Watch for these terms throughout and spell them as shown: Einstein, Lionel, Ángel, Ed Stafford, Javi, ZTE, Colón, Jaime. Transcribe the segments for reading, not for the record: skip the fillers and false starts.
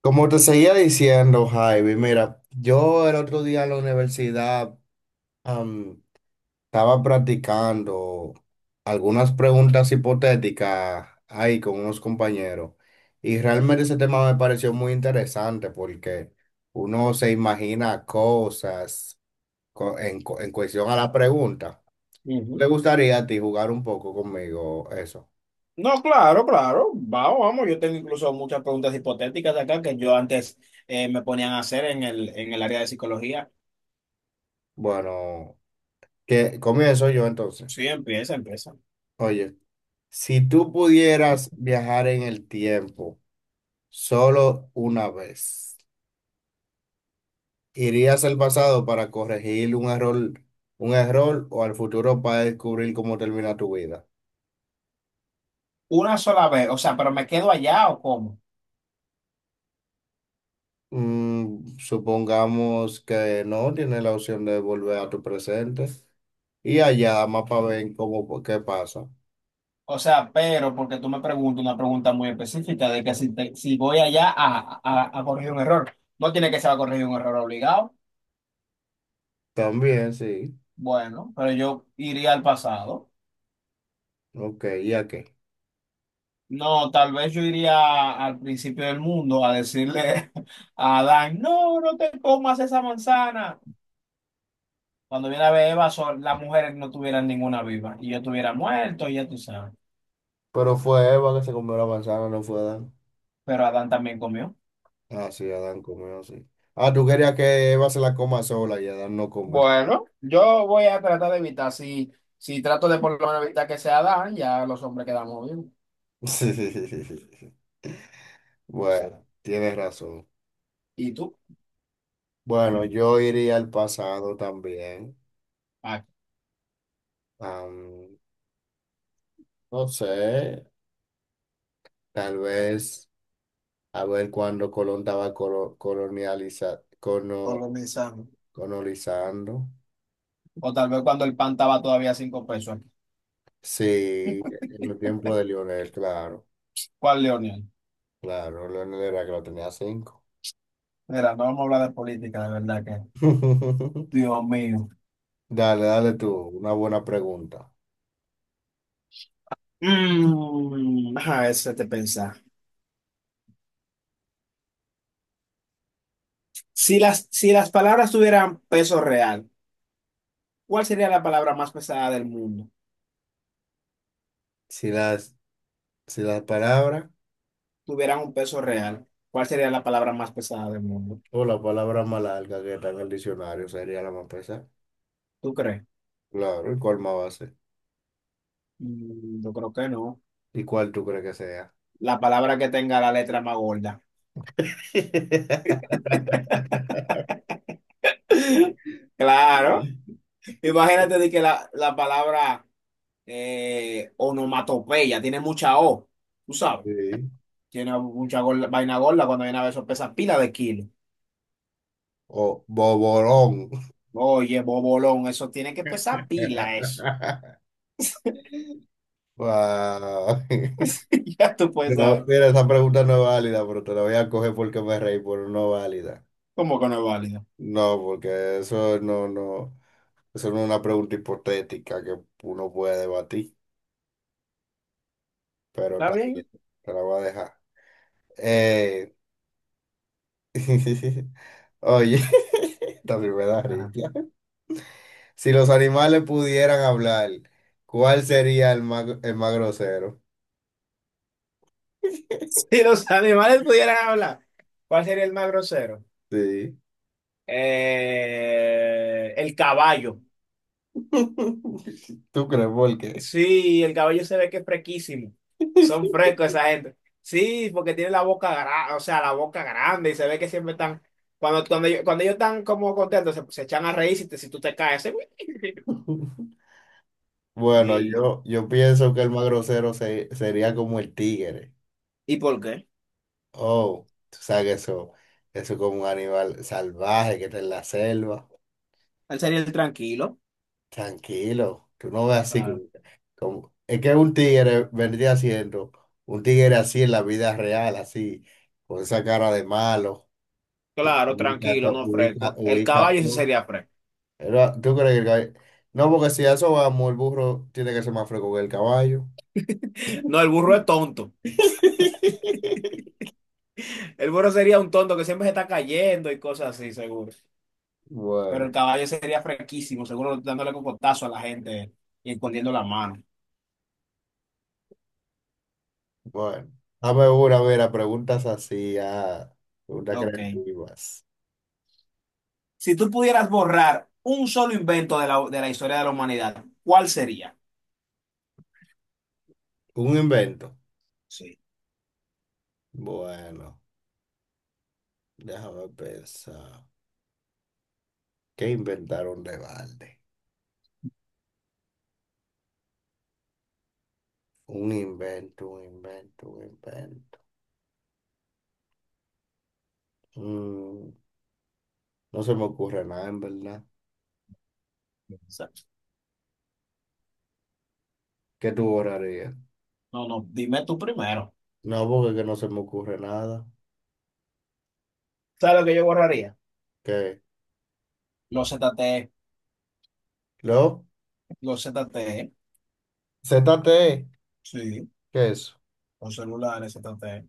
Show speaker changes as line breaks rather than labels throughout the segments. Como te seguía diciendo, Jaime, mira, yo el otro día en la universidad am, estaba practicando algunas preguntas hipotéticas ahí con unos compañeros y realmente ese tema me pareció muy interesante porque uno se imagina cosas en cuestión a la pregunta. ¿Te
Ujú.
gustaría a ti jugar un poco conmigo eso?
No, claro, claro. Vamos, vamos. Yo tengo incluso muchas preguntas hipotéticas de acá que yo antes me ponían a hacer en en el área de psicología.
Bueno, que comienzo yo entonces.
Sí, empieza, empieza.
Oye. Si tú pudieras viajar en el tiempo solo una vez, ¿irías al pasado para corregir un error o al futuro para descubrir cómo termina tu vida?
Una sola vez, o sea, ¿pero me quedo allá o cómo?
Mm, supongamos que no, tienes la opción de volver a tu presente y allá más para ver cómo, qué pasa.
O sea, pero porque tú me preguntas una pregunta muy específica de que si, si voy allá a corregir un error, no tiene que ser a corregir un error obligado.
También, sí.
Bueno, pero yo iría al pasado.
Ok, ¿y a qué?
No, tal vez yo iría al principio del mundo a decirle a Adán, no, no te comas esa manzana. Cuando viene a ver Eva, las mujeres no tuvieran ninguna viva y yo estuviera muerto, ya tú sabes.
Pero fue Eva que se comió la manzana, no fue Adán.
Pero Adán también comió.
Ah, sí, Adán comió, sí. Ah, tú querías que Eva se la coma sola y Adán no come.
Bueno, yo voy a tratar de evitar, si, si trato de por lo menos evitar que sea Dan, ya los hombres quedamos bien.
Sí. Bueno, tienes razón.
¿Y tú?
Bueno, yo iría al pasado también.
Ah,
Am, no sé, tal vez a ver cuando Colón estaba
con los mensajes.
colonizando.
O tal vez cuando el pan estaba todavía a cinco pesos.
Sí, en el tiempo de Lionel, claro.
¿Cuál, Leonel?
Claro, Lionel era que lo tenía cinco.
Mira, no vamos a hablar de política, de verdad que. Dios mío.
Dale, dale tú, una buena pregunta.
Mm, a ver, si te pensar. Si las palabras tuvieran peso real, ¿cuál sería la palabra más pesada del mundo?
Si las, si la palabra
Tuvieran un peso real, ¿cuál sería la palabra más pesada del mundo?
o la palabra más larga que está en el diccionario sería la más pesada.
¿Tú crees?
Claro, ¿y cuál más va a ser?
Mm, yo creo que no.
¿Y cuál tú crees que sea?
La palabra que tenga la letra más gorda. Claro. Imagínate de que la palabra onomatopeya tiene mucha O, tú sabes.
Sí.
Tiene mucha vaina gorda cuando viene a ver eso pesa pila de kilos.
O boborón.
Oye, bobolón, eso tiene que pesar pila, eso.
Wow.
Ya tú puedes
No,
saber
mira, esa pregunta no es válida, pero te la voy a coger porque me reí, pero no es válida.
cómo que no es válido.
No, porque eso no, no. Esa es una pregunta hipotética que uno puede debatir, pero
¿Está
también
bien?
te la voy a dejar. Eh, oye, también me da
Ajá.
risa. Si los animales pudieran hablar, ¿cuál sería el más grosero?
Si los animales pudieran hablar, ¿cuál sería el más grosero?
Sí.
El caballo.
¿Tú crees por qué?
Sí, el caballo se ve que es frequísimo. Son frescos esa gente. Sí, porque tiene la boca grande, o sea, la boca grande y se ve que siempre están, cuando ellos están como contentos, se echan a reír si, si tú te caes.
Bueno,
Sí.
yo pienso que el más grosero sería como el tigre.
¿Y por qué?
Oh, tú sabes que eso es como un animal salvaje que está en la selva.
Él sería el tranquilo.
Tranquilo, tú no ves así como, es que un tigre vendría siendo un tigre así en la vida real, así, con esa cara de malo, y que
Claro,
ubica
tranquilo,
todo,
no
ubica,
fresco. El
ubica
caballo sí
todo.
sería fresco.
Pero, ¿tú crees que el caballo? No, porque si a eso vamos, el burro tiene que ser más fresco que el caballo.
No, el burro es tonto. El burro sería un tonto que siempre se está cayendo y cosas así, seguro. Pero
Bueno,
el caballo sería fresquísimo, seguro dándole cocotazo a la gente y escondiendo la mano.
bueno. Dame una, mira, preguntas así, ah, preguntas
Ok.
creativas.
Si tú pudieras borrar un solo invento de de la historia de la humanidad, ¿cuál sería?
Un invento.
Sí.
Bueno, déjame pensar. ¿Qué inventaron de balde? Un invento, un invento, un invento. Mm, no se me ocurre nada, en verdad.
Exacto.
¿Qué tú borrarías?
No, no, dime tú primero.
No, porque que no se me ocurre nada.
¿Sabes lo que yo borraría?
¿Qué?
Los ZTE,
¿Lo?
los ZTE.
Z ZTE.
Sí,
¿Qué es eso?
los celulares ZTE.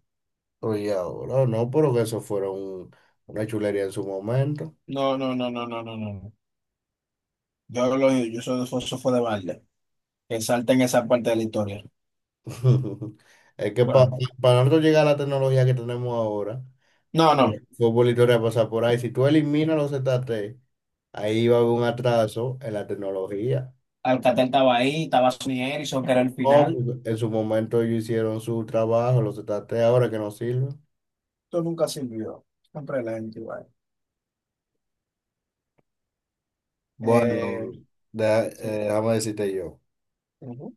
Oye, ahora no, pero que eso fuera una chulería en su momento.
No, no, no, no, no, no, no, no. Yo lo yo soy eso fue de balde. Que salten esa parte de la historia.
Es que
Bueno,
para nosotros llegar a la tecnología que tenemos ahora,
no, no.
fue por historia pasa por ahí. Si tú eliminas los Z ZTE, ahí va a haber un atraso en la tecnología.
Alcatel estaba ahí, estaba Sonny Erickson, que era el
No, pues,
final.
en su momento ellos hicieron su trabajo, los trataste ahora que no sirven.
Esto nunca sirvió. Siempre la gente igual.
Bueno,
Eh, sí.
déjame decirte yo.
Ujú.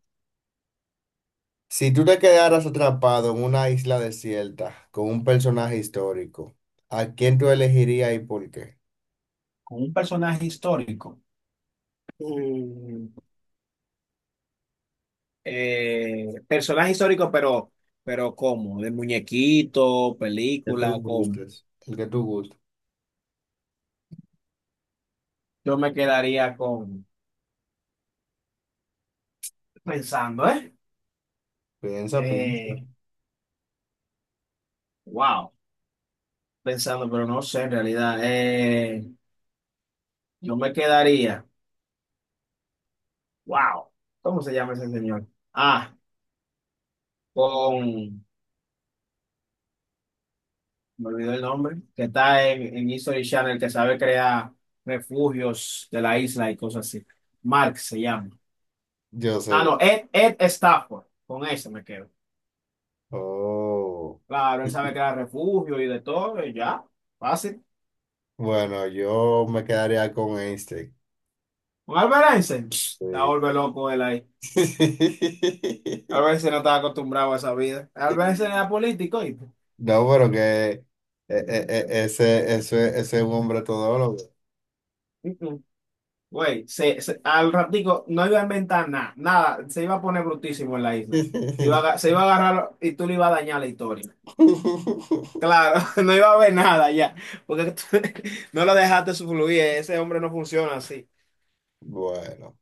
Si tú te quedaras atrapado en una isla desierta con un personaje histórico, ¿a quién tú elegirías y por qué?
Con un personaje histórico. Mm, personaje histórico, pero ¿cómo? ¿De muñequito,
Que tú
película, cómo?
gustes. El que tú gustes.
Yo me quedaría con pensando, ¿eh?
Piensa, piensa.
Eh, wow, pensando, pero no sé en realidad. Yo me quedaría. Wow, ¿cómo se llama ese señor? Ah, con, me olvidó el nombre, que está en History Channel, que sabe crear refugios de la isla y cosas así. Mark se llama.
Yo
Ah,
sé.
no, Ed, Ed Stafford, con ese me quedo.
Oh.
Claro, él sabe crear refugio y de todo, y ya, fácil.
Bueno, yo me quedaría con Einstein.
Un alberense, pss, la
Sí.
vuelve loco él ahí. Alberense no estaba acostumbrado a esa vida. Alberense era político y...
No, pero que eh, ese, ese es un hombre todólogo.
Güey, al ratico no iba a inventar nada, nada, se iba a poner brutísimo en la isla. Se iba a, se iba a agarrar y tú le ibas a dañar la historia. Claro, no iba a haber nada ya, porque tú no lo dejaste fluir, ese hombre no funciona así.
Bueno.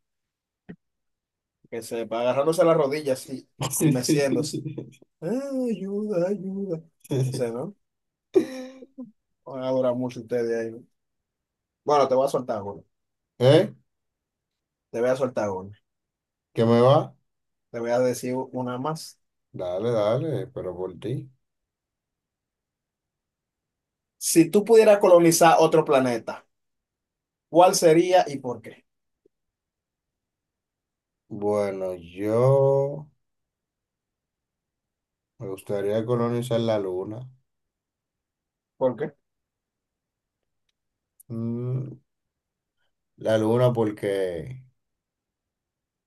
Que sepa, agarrándose las rodillas así y meciéndose. "Ay, ayuda, ayuda. No sé, ¿no? Van a durar mucho ustedes ahí. ¿No? Bueno, te voy a soltar uno,
¿Eh?
te voy a soltar uno,
¿Qué me va?
te voy a decir una más.
Dale, dale, pero por ti.
Si tú pudieras colonizar otro planeta, ¿cuál sería y por qué?
Bueno, yo me gustaría colonizar la luna.
¿Por qué?
Mm, la luna porque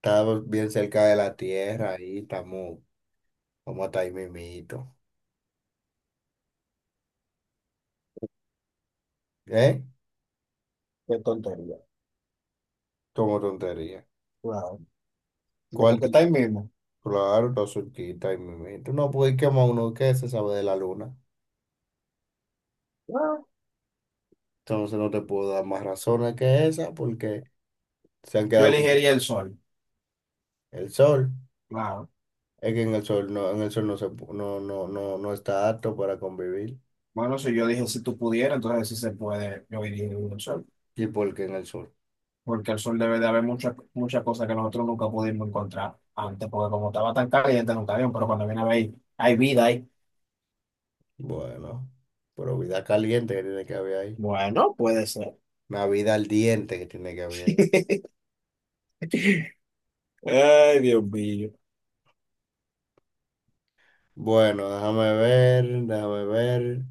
estamos bien cerca de la Tierra y estamos como hasta ahí mismito. ¿Eh?
Qué tontería.
Como tontería.
Claro. Digo,
¿Cuál
porque
tú?
está ahí mismo.
Claro, está cerquita y me tú no puedes quemar uno que se sabe de la luna.
Claro.
Entonces no te puedo dar más razones que esa porque se han
Yo
quedado con
elegiría el sol.
el sol.
Claro.
Es que en el sol no, en el sol no se no está apto para convivir.
Bueno, si yo dije si tú pudieras, entonces si se puede, yo elegiría el sol.
¿Y por qué en el sol?
Porque el sol debe de haber muchas muchas cosas que nosotros nunca pudimos encontrar antes, porque como estaba tan caliente, nunca había, pero cuando viene a ver, hay vida ahí.
Bueno, pero vida caliente que tiene que haber ahí.
Bueno, puede ser.
Una vida al diente que tiene que haber ahí.
Ay, Dios mío.
Bueno, déjame ver, déjame ver,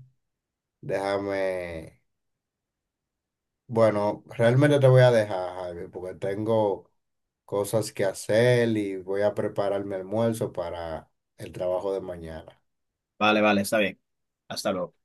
déjame. Bueno, realmente te voy a dejar, Javi, porque tengo cosas que hacer y voy a preparar mi almuerzo para el trabajo de mañana.
Vale, vale, está bien. Hasta luego.